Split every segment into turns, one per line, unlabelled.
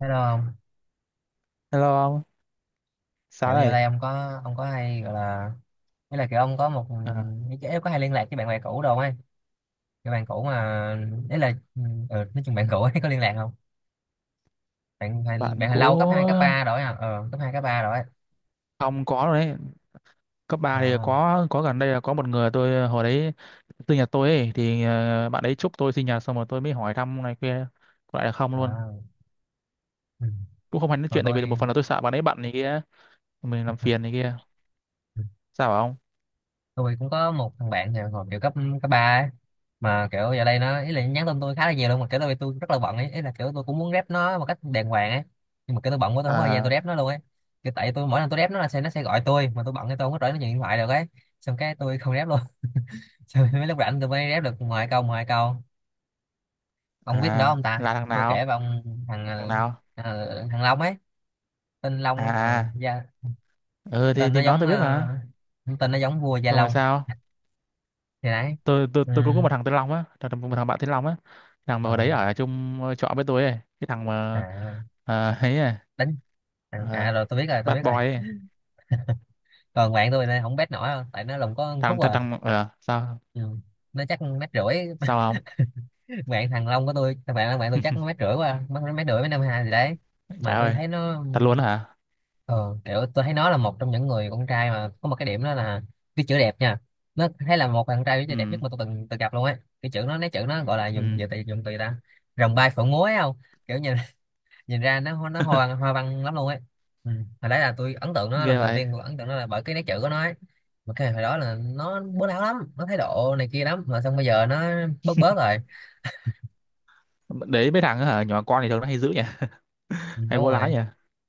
Hello ông,
Hello ông, sao
kiểu giờ
đây?
đây ông có ông có hay gọi là nghĩa là kiểu ông có một
À,
ý là có hay liên lạc với bạn bè cũ đâu ấy, cái bạn cũ mà ừ, nói chung bạn cũ ấy có liên lạc không? Bạn
bạn
hồi
cũ
lâu cấp 2 cấp 3 rồi à, cấp 2 cấp 3 rồi ấy.
ông có rồi đấy. Cấp
Ờ,
3 thì
không?
có gần đây là có một người tôi hồi đấy sinh nhật tôi ấy thì bạn ấy chúc tôi sinh nhật xong rồi tôi mới hỏi thăm này kia, có lại là không luôn.
Đó. Ừ.
Cũng không hay nói
Còn
chuyện, tại vì
tôi
một phần là tôi sợ bạn ấy bận này kia, mình làm phiền này kia. Sao bảo ông?
tôi cũng có một thằng bạn thì hồi kiểu cấp cấp ba ấy. Mà kiểu giờ đây nó ý là nhắn tin tôi khá là nhiều luôn, mà kiểu tôi rất là bận ấy, ý là kiểu tôi cũng muốn rep nó một cách đàng hoàng ấy, nhưng mà kiểu tôi bận quá, tôi không có thời gian tôi
À,
rep nó luôn ấy, kiểu tại tôi mỗi lần tôi rep nó là sẽ nó sẽ gọi tôi, mà tôi bận thì tôi không có rảnh nó nhận điện thoại được ấy, xong cái tôi không rep luôn. Xong mấy lúc rảnh tôi mới rep được ngoài câu ông biết con đó
à
không ta,
là thằng
tôi kể
nào?
với ông. thằng
Thằng
ờ,
nào?
Thằng Long ấy, tên Long á. Ừ,
À, à.
Gia-
Ừ thì
tên nó
thì nó
giống
tôi biết mà.
tên nó giống vua Gia
Xong rồi
Long
sao?
thì đấy.
tôi tôi
Ừ.
tôi cũng có một thằng tên Long á, thằng thằng- một thằng bạn tên Long á, thằng mà
ờ,
hồi đấy ở chung trọ với tôi ấy, cái thằng mà
à,
ấy à,
đánh à,
ờ,
à rồi tôi biết rồi tôi
bad
biết
boy
rồi.
ấy.
Còn bạn tôi này không bet nổi đâu, tại nó lùng có hút
thằng thằng,
à.
thằng sao.
Ừ. Nó chắc mét rưỡi.
Sao không?
Bạn thằng Long của tôi, thằng bạn bạn tôi chắc nó mét rưỡi, qua mất mét rưỡi mấy năm hai gì đấy, mà
Trời
tôi
ơi.
thấy nó
Thật luôn á hả?
ờ, kiểu tôi thấy nó là một trong những người con trai mà có một cái điểm đó là cái chữ đẹp nha. Nó thấy là một thằng trai với chữ đẹp
Ừ.
nhất mà tôi từng từng gặp luôn á, cái chữ nó nói, chữ nó gọi là
Ừ.
dùng dùng từ ta, rồng bay phượng múa ấy không, kiểu nhìn nhìn ra nó nó hoa văn lắm luôn ấy. Ừ. Hồi đấy là tôi ấn tượng nó,
Ghê
lần đầu
vậy.
tiên tôi ấn tượng nó là bởi cái nét chữ của nó ấy, mà cái hồi đó là nó bố láo lắm, nó thái độ này kia lắm, mà xong bây giờ nó bớt bớt rồi.
Đấy mấy thằng á hả, nhỏ con thì thường nó hay dữ nhỉ.
Ừ,
Hay
đúng
vô lái
rồi.
nhỉ.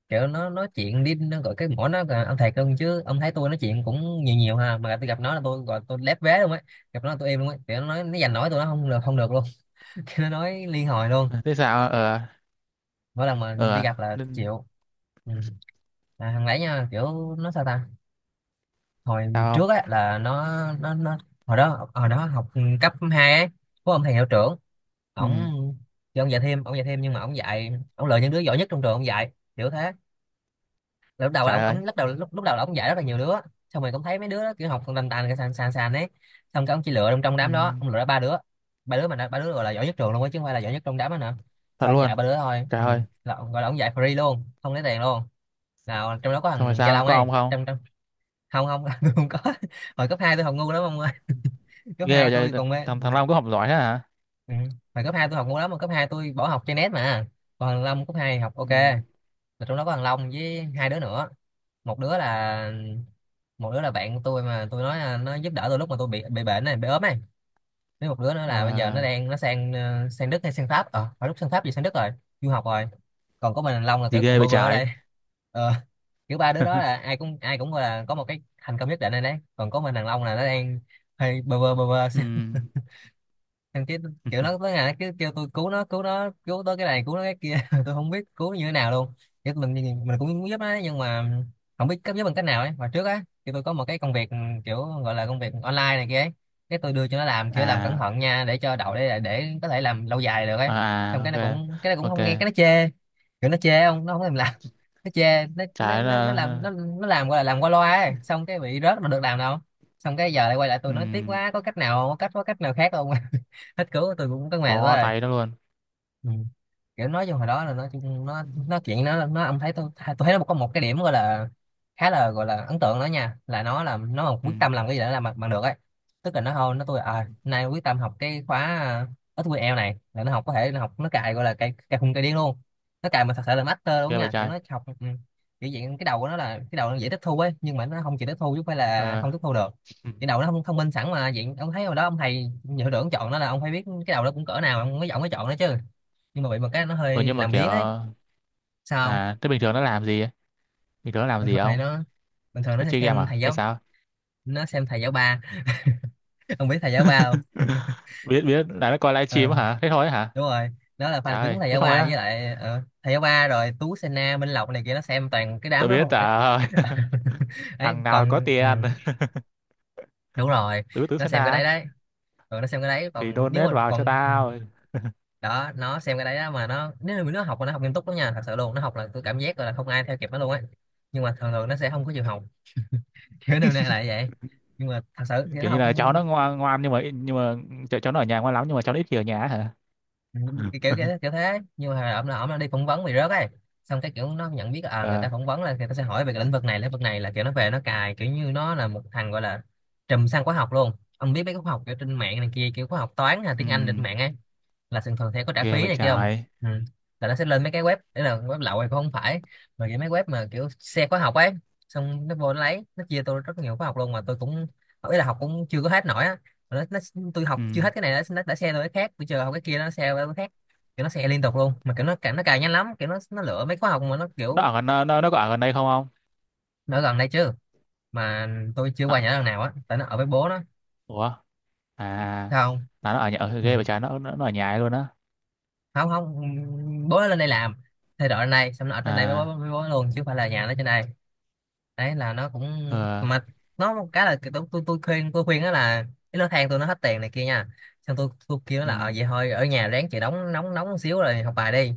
Kiểu nó nói chuyện đi, nó gọi cái mỏ nó là ông thầy cưng chứ. Ông thấy tôi nói chuyện cũng nhiều nhiều ha, mà tôi gặp nó là tôi gọi tôi lép vế luôn ấy, gặp nó là tôi im luôn ấy, kiểu nó nói nó giành nổi tôi, nó không được luôn. Kiểu nó nói liên hồi luôn,
Thế sao ờ
mỗi lần mà đi
ờ.
gặp là
Nên.
chịu. Ừ. À, thằng đấy nha, kiểu nó sao ta, hồi
Sao không?
trước á là nó hồi đó học cấp 2 á, có ông thầy hiệu trưởng, ổng
Ừ.
thì ông dạy thêm nhưng mà ông dạy, ông lựa những đứa giỏi nhất trong trường ông dạy kiểu thế. Là lúc đầu là
Trời
ông
ơi.
ông lúc đầu là ông dạy rất là nhiều đứa, xong rồi ông thấy mấy đứa đó kiểu học còn tàn tàn, cái sàn sàn sàn ấy, xong cái ông chỉ lựa trong trong
Ừ.
đám đó ông lựa ra ba đứa. Ba đứa gọi là giỏi nhất trường luôn á, chứ không phải là giỏi nhất trong đám đó nữa.
Thật
Xong ông dạy
luôn.
ba đứa thôi.
Trời
Ừ.
ơi.
Là, gọi là ông dạy free luôn, không lấy tiền luôn. Nào trong đó có
Xong rồi
thằng Gia
sao,
Long
có
ấy,
ông không?
trong không không. Tôi không có, hồi cấp 2 tôi học ngu lắm ông ơi. Cấp
Ghê
2
vậy
tôi
trời,
còn mê.
thằng thằng Long có học giỏi thế hả?
Ừ. Hồi cấp 2 tôi học ngu lắm, mà cấp 2 tôi bỏ học chơi net mà. Còn thằng Long cấp 2 học
Ừ.
ok. Là trong đó có thằng Long với hai đứa nữa, một đứa là một đứa là bạn của tôi mà tôi nói là nó giúp đỡ tôi lúc mà tôi bị bệnh này bị ốm này, với một đứa nữa
Ờ.
là bây giờ nó đang nó sang sang Đức hay sang Pháp, phải lúc sang Pháp gì, sang Đức rồi, du học rồi. Còn có mình thằng Long là
Gì
kiểu
ghê
còn
vậy
bơ vơ ở
trái.
đây. Ờ, kiểu ba đứa đó là ai cũng là có một cái thành công nhất định rồi đấy, còn có mình thằng Long là nó đang hơi bơ vơ
Ừm.
thằng kia. Kiểu nó tới ngày nó cứ kêu tôi cứu nó, cứu nó cứu tới cái này, cứu nó cái kia. Tôi không biết cứu như thế nào luôn, chứ mình cũng muốn giúp nó ấy, nhưng mà không biết cấp giúp bằng cách nào ấy. Mà trước á thì tôi có một cái công việc, kiểu gọi là công việc online này kia ấy, cái tôi đưa cho nó làm, kiểu làm cẩn
À
thận nha, để cho đậu, để có thể làm lâu dài được ấy. Xong
à
cái nó
à,
cũng cái nó
ok.
cũng không nghe, cái
Ok
nó chê, kiểu nó chê không, nó không thèm làm. Nó chê, nó nó
trái
nó, nó
là.
làm nó nó làm gọi là làm qua loa ấy, xong cái bị rớt mà được làm đâu. Xong cái giờ lại quay lại tôi nói tiếc
Ừm,
quá, có cách nào, có cách nào khác không. Hết cứu, tôi cũng có mệt quá
bó
rồi.
tay đó luôn.
Ừ. Kiểu nói chung hồi đó là nó chuyện nó ông thấy tôi thấy nó có một cái điểm gọi là khá là gọi là ấn tượng đó nha, là nó làm nó còn quyết
Ừm.
tâm làm cái gì để làm bằng được ấy. Tức là nó thôi nó tôi à nay quyết tâm học cái khóa SQL này, là nó học có thể nó học, nó cài gọi là cài cài khùng cài điên luôn, nó cài mà thật sự là master luôn
Ghê vậy
nha, kiểu
trái.
nó học. Ừ. Kiểu vậy, cái đầu của nó là cái đầu nó dễ tiếp thu ấy, nhưng mà nó không chịu tiếp thu chứ không phải là
Ờ.
không tiếp thu được.
Ừm.
Cái đầu nó không thông minh sẵn mà vậy, ông thấy hồi đó ông thầy hiệu trưởng chọn nó là ông phải biết cái đầu đó cũng cỡ nào ông mới giọng mới chọn nó chứ, nhưng mà bị một cái nó
Ừ,
hơi
nhưng mà
làm
kiểu.
biếng ấy. Sao không?
À, thế bình thường nó làm gì ấy? Bình thường nó làm
bình
gì
thường này
không?
nó Bình thường nó
Nó
sẽ
chơi game
xem
à
thầy
hay
giáo,
sao?
nó xem thầy giáo ba. Ông biết thầy giáo ba không?
biết biết là nó coi livestream
Ờ,
á hả, thế thôi á hả?
đúng rồi, nó là
Trời
fan cứng
ơi,
thầy
thế
giáo
thôi
ba, với
á.
lại thầy giáo ba rồi Tú Sena Minh Lộc này kia, nó xem toàn cái đám
Tôi
đó
biết,
không
trời
ấy.
ơi.
Ấy
thằng nào có
còn
tiền.
đúng rồi,
Tứ tứ
nó
sen
xem cái đấy
na.
đấy, rồi nó xem cái đấy.
Thì
Còn nếu
donate
mà
vào cho
còn ừ.
tao.
Đó nó xem cái đấy đó. Mà nó, nếu mà nó học, mà nó học nghiêm túc lắm nha, thật sự luôn, nó học là tôi cảm giác là không ai theo kịp nó luôn á, nhưng mà thường thường nó sẽ không có chịu học. Kiểu năm nay lại vậy, nhưng mà thật sự thì nó
Kiểu như
học.
là cháu nó ngoan ngoan, nhưng mà cháu nó ở nhà ngoan lắm, nhưng mà cháu nó ít khi ở nhà á hả.
Ừ, cái kiểu kiểu, kiểu thế, nhưng mà ổng là đi phỏng vấn bị rớt ấy, xong cái kiểu nó nhận biết là, à, người ta
Ờ.
phỏng vấn là người ta sẽ hỏi về cái lĩnh vực này là kiểu nó về nó cài, kiểu như nó là một thằng gọi là trùm sang khóa học luôn. Ông biết mấy cái khóa học kiểu trên mạng này kia, kiểu khóa học toán hay
Ừ.
tiếng Anh trên mạng ấy, là thường thường sẽ có trả
Ghê
phí
vậy
này kia không.
trời.
Ừ. Là nó sẽ lên mấy cái web đấy, là web lậu hay cũng không phải, mà kiểu mấy web mà kiểu xe khóa học ấy, xong nó vô nó lấy nó chia tôi rất nhiều khóa học luôn, mà tôi cũng ý là học cũng chưa có hết nổi á, mà nó tôi
Ừ.
học chưa hết cái này nó đã xe tôi cái khác, tôi chờ học cái kia nó xe tôi cái khác, kiểu nó xe liên tục luôn, mà kiểu nó cảm nó cài nhanh lắm, kiểu nó lựa mấy khóa học mà nó
Nó
kiểu
ở gần, nó có ở gần đây không không?
nó ở gần đây chứ, mà tôi chưa
nó,
qua nhà nó lần nào á, tại nó ở với bố nó.
Ủa. À
Sao không?
là nó ở nhà ở ghê
Ừ.
vậy trời, nó ở nhà ấy luôn á.
Không, không. Bố nó lên đây làm, thay đổi lên đây, xong nó ở trên đây với bố,
À.
với bố nó luôn chứ không phải là nhà nó trên đây. Đấy là nó cũng,
Ờ.
mà nó một cái là tôi khuyên đó là cái lô than tôi, nó hết tiền này kia nha. Xong tôi kêu nó
Ừ.
là vậy thôi ở nhà ráng chịu đóng, nóng nóng một xíu rồi học bài đi,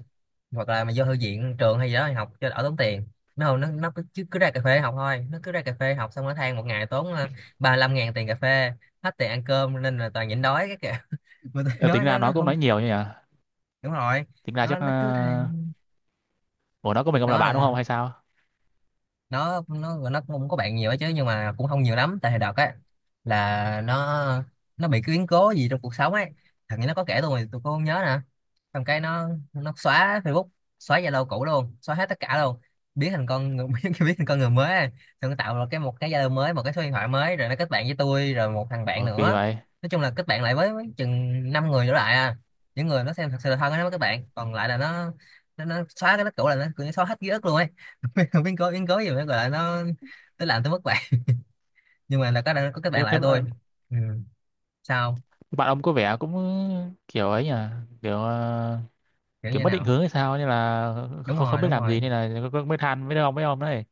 hoặc là mà vô thư viện trường hay gì đó thì học cho đỡ tốn tiền. Nó không, nó chứ cứ ra cà phê học thôi, nó cứ ra cà phê học, xong nó than một ngày tốn 35.000 tiền cà phê, hết tiền ăn cơm nên là toàn nhịn đói cái kìa. Mà tôi
Ờ,
nói
tính ra
nó
nó cũng
không
nói nhiều như nhỉ.
đúng rồi.
Tính ra
nó
chắc
nó cứ
ờ,
than,
Ủa, nó có mình ông là
đó
bạn đúng
là
không hay sao?
nó cũng không có bạn nhiều ấy chứ, nhưng mà cũng không nhiều lắm, tại hồi đợt á là nó, bị cái biến cố gì trong cuộc sống ấy. Thằng ấy nó có kể tôi mà tôi cũng không nhớ nè. Xong cái nó xóa Facebook, xóa Zalo cũ luôn, xóa hết tất cả luôn, biến thành con người biến thành con người mới á. Xong nó tạo ra cái, một cái Zalo mới, một cái số điện thoại mới, rồi nó kết bạn với tôi rồi một thằng bạn
Ủa kỳ
nữa.
vậy.
Nói chung là kết bạn lại với chừng năm người trở lại à, những người nó xem thật sự là thân á, nó mới kết bạn, còn lại là nó, nó xóa cái đó cũ, là nó cứ xóa hết ký ức luôn ấy. Không biến cố gì nữa gọi là nó làm tôi mất bạn, nhưng mà là có kết bạn
thế,
lại
thế
với tôi.
bạn.
Ừ. Sao?
Bạn ông có vẻ cũng kiểu ấy nhỉ. Kiểu
Kiểu
kiểu
như
mất định
nào?
hướng hay sao, nên là
Đúng
không không
rồi,
biết
đúng
làm
rồi.
gì nên là mới than với ông đấy.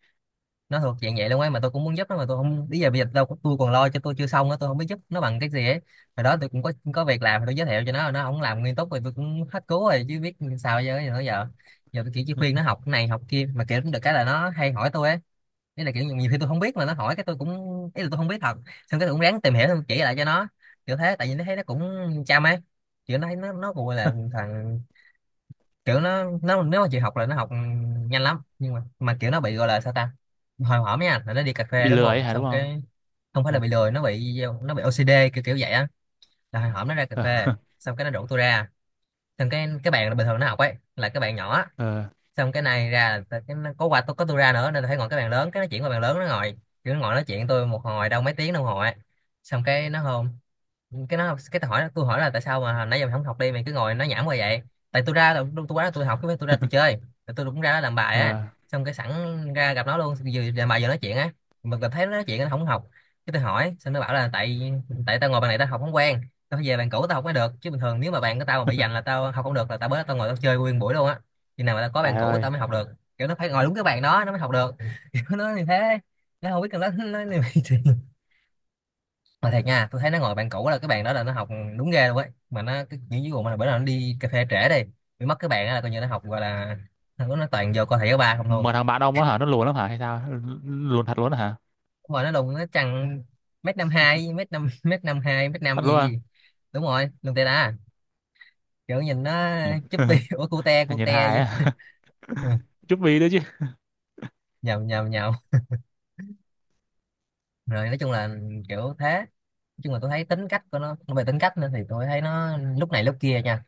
Nó thuộc dạng vậy luôn ấy, mà tôi cũng muốn giúp nó mà tôi không, bây giờ tôi còn lo cho tôi chưa xong á, tôi không biết giúp nó bằng cái gì ấy. Hồi đó tôi cũng có việc làm tôi giới thiệu cho nó không làm nghiêm túc, rồi tôi cũng hết cứu rồi chứ biết sao giờ. Giờ tôi kiểu chỉ khuyên nó học cái này, học kia, mà kiểu cũng được cái là nó hay hỏi tôi ấy. Ý là kiểu nhiều khi tôi không biết mà nó hỏi cái tôi cũng, ý là tôi không biết thật, xong cái tôi cũng ráng tìm hiểu xong chỉ lại cho nó, kiểu thế, tại vì nó thấy nó cũng chăm ấy. Kiểu nó thấy nó gọi là thằng, kiểu nó nếu mà chịu học là nó học nhanh lắm, nhưng mà kiểu nó bị gọi là sao ta. Hồi hổm nha, là nó đi cà phê
Bị
đúng
lừa ấy
không,
hả, đúng
xong
không?
cái không phải là
Ờ.
bị lười, nó bị OCD kiểu kiểu vậy á. Là hồi hổm nó ra cà phê, xong cái nó rủ tôi ra, xong cái bạn bình thường nó học ấy là cái bạn nhỏ.
Ờ.
Xong cái này ra là có quà, tôi ra nữa nên là phải ngồi cái bàn lớn, cái nó chuyển qua bàn lớn nó ngồi. Kiểu nó ngồi nói chuyện tôi một hồi, đâu mấy tiếng đồng hồ ấy. Xong cái nó hôn, cái nó, cái tôi hỏi là tại sao mà hồi nãy giờ mày không học đi, mày cứ ngồi nói nhảm qua vậy. Tại tôi tôi quá là tôi học cái tôi ra tôi chơi, tại tôi cũng ra đó làm bài á,
Ờ.
xong cái sẵn ra gặp nó luôn, vừa làm bài vừa nói chuyện á. Mình thấy nó nói chuyện, nó không học, cái tôi hỏi, xong nó bảo là tại tại tao ngồi bàn này tao học không quen, tao phải về bàn cũ tao học mới được. Chứ bình thường nếu mà bàn của tao mà bị giành là tao học không được, là tao bớt, tao ngồi tao chơi nguyên buổi luôn á, khi nào mà tao có
trời
bạn cũ
ơi.
tao mới học được. Kiểu nó phải ngồi đúng cái bàn đó nó mới học được kiểu nó như thế, nó không biết là nó như vậy mà thiệt nha, tôi thấy nó ngồi bạn cũ là cái bàn đó là nó học đúng ghê luôn ấy, mà nó cái những cái vụ mà bữa nào nó đi cà phê trễ đi, bị mất cái bàn đó là coi như nó học gọi là, nó toàn vô coi thầy giáo ba không luôn.
Mà thằng bạn ông nó hả, nó lùn lắm hả hay sao? Lùn thật luôn hả?
Đúng rồi, nó đùng nó chằng, mét năm hai, mét năm, mét năm hai, mét năm
Thật
gì
luôn.
gì, đúng rồi luôn, tê đá à. Kiểu nhìn nó chúp bi
À.
ủa cute
nhìn
cute
hài
vậy.
á. chút vì nữa chứ.
Nhầm, nhầm, nhầm. Rồi, nói chung là kiểu thế. Nói chung là tôi thấy tính cách của nó, về tính cách nữa thì tôi thấy nó lúc này lúc kia nha.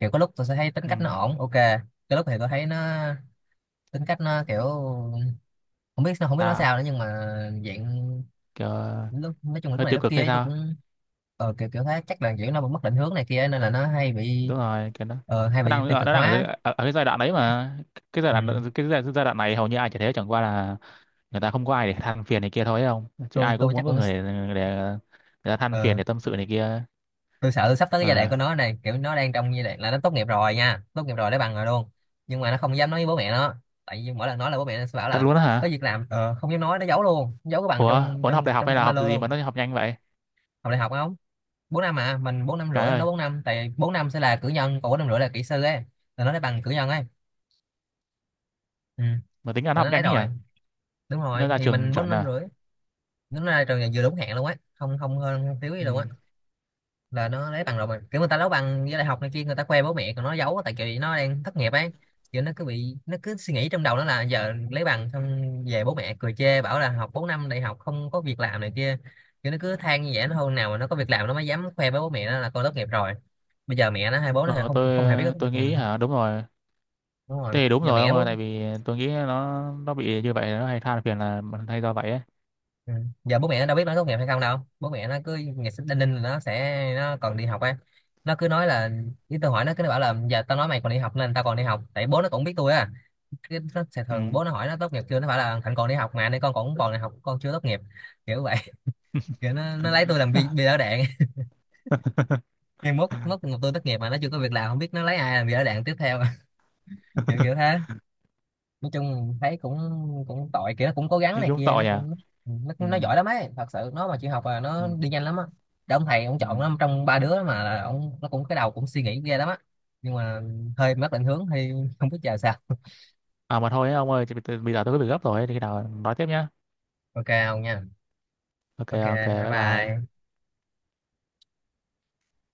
Kiểu có lúc tôi sẽ thấy tính
Ừ.
cách nó ổn, ok, cái lúc thì tôi thấy nó, tính cách nó kiểu không biết, không biết nói
Sao.
sao nữa, nhưng mà dạng,
Kiểu
lúc, nói chung là lúc
hơi
này
tiêu
lúc
cực
kia
hay
ấy, tôi
sao?
cũng kiểu kiểu thấy chắc là kiểu nó mất định hướng này kia nên là nó hay bị
Đúng rồi cái nó.
hay bị tiêu cực
Nó đang ở,
hóa.
ở cái giai đoạn đấy mà. Cái giai
Ừ.
đoạn. Cái giai đoạn này hầu như ai chả thế, chẳng qua là người ta không có ai để than phiền này kia thôi ấy, không chứ
tôi
ai cũng
tôi chắc
muốn có
cũng
người để người ta than phiền,
ờ,
để tâm sự này kia.
tôi sợ sắp tới cái giai đoạn
Ờ.
của nó này, kiểu nó đang trong giai đoạn là nó tốt nghiệp rồi nha, tốt nghiệp rồi lấy bằng rồi luôn, nhưng mà nó không dám nói với bố mẹ nó, tại vì mỗi lần nói là bố mẹ nó sẽ bảo
Thật
là
luôn á
có
hả?
việc làm. Ờ, không dám nói, nó giấu luôn, giấu cái bằng
Ủa,
trong
ủa nó học
trong
đại học
trong
hay là
ba
học
lô
gì
luôn.
mà nó học nhanh vậy?
Học đại học không? 4 năm à, mình bốn năm
Cái
rưỡi
ơi,
nó 4 năm, tại bốn năm sẽ là cử nhân, còn 4 năm rưỡi là kỹ sư ấy, là nó lấy bằng cử nhân ấy. Ừ.
mà tính ăn
Là nó
học
lấy
nhanh thế nhỉ?
rồi. Đúng
Nó
rồi,
ra
thì
trường
mình bốn
chuẩn
năm
à?
rưỡi Nó ra trường là vừa đúng hẹn luôn á, không không hơn không thiếu gì
Ừ.
luôn á. Là nó lấy bằng rồi, mà kiểu người ta lấy bằng với đại học này kia người ta khoe bố mẹ, còn nó giấu tại vì nó đang thất nghiệp ấy. Kiểu nó cứ bị, nó cứ suy nghĩ trong đầu nó là giờ lấy bằng xong về bố mẹ cười chê bảo là học 4 năm đại học không có việc làm này kia. Kiểu nó cứ than như vậy, nó hôm nào mà nó có việc làm nó mới dám khoe với bố mẹ nó là con tốt nghiệp rồi. Bây giờ mẹ nó hay bố nó
Ờ,
không
tôi
không hề biết tốt nghiệp.
tôi
Ừ,
nghĩ hả, đúng rồi.
đúng rồi,
Thế thì đúng
giờ
rồi
mẹ
ông ơi,
bố.
tại vì tôi nghĩ nó bị như vậy nó hay than phiền là hay do vậy ấy.
Ừ. Giờ bố mẹ nó đâu biết nó tốt nghiệp hay không đâu, bố mẹ nó cứ ngày sinh đinh ninh là nó còn đi học á. Nó cứ nói là, cái tôi hỏi, nó cứ nó bảo là giờ tao nói mày còn đi học nên tao còn đi học, tại bố nó cũng biết tôi á, cái nó sẽ
Ừ.
thường bố nó hỏi nó tốt nghiệp chưa, nó phải là thằng còn đi học mà nên con cũng còn đi học, con chưa tốt nghiệp, kiểu vậy. Kiểu nó lấy tôi làm bi bi đỡ đạn, nhưng mốt mốt tôi tốt nghiệp mà nó chưa có việc làm không biết nó lấy ai làm bi đỡ đạn tiếp theo. kiểu kiểu thế, nói chung thấy cũng cũng tội, kiểu nó cũng cố gắng
Nhưng
này
cũng
kia,
tội
nó
nhỉ.
cũng, nó,
Ừ.
nó giỏi lắm ấy, thật sự nó mà chịu học là
Ừ.
nó đi nhanh lắm á. Để ông thầy ông
Ừ.
chọn nó trong ba đứa mà, là ông, nó cũng, cái đầu cũng suy nghĩ ghê lắm á, nhưng mà hơi mất định hướng thì không biết chờ sao.
À mà thôi ấy, ông ơi, bây giờ tôi có việc gấp rồi ấy, thì khi nào nói tiếp nhá.
Ok ông nha.
Ok
Ok,
ok,
bye
bye bye.
bye.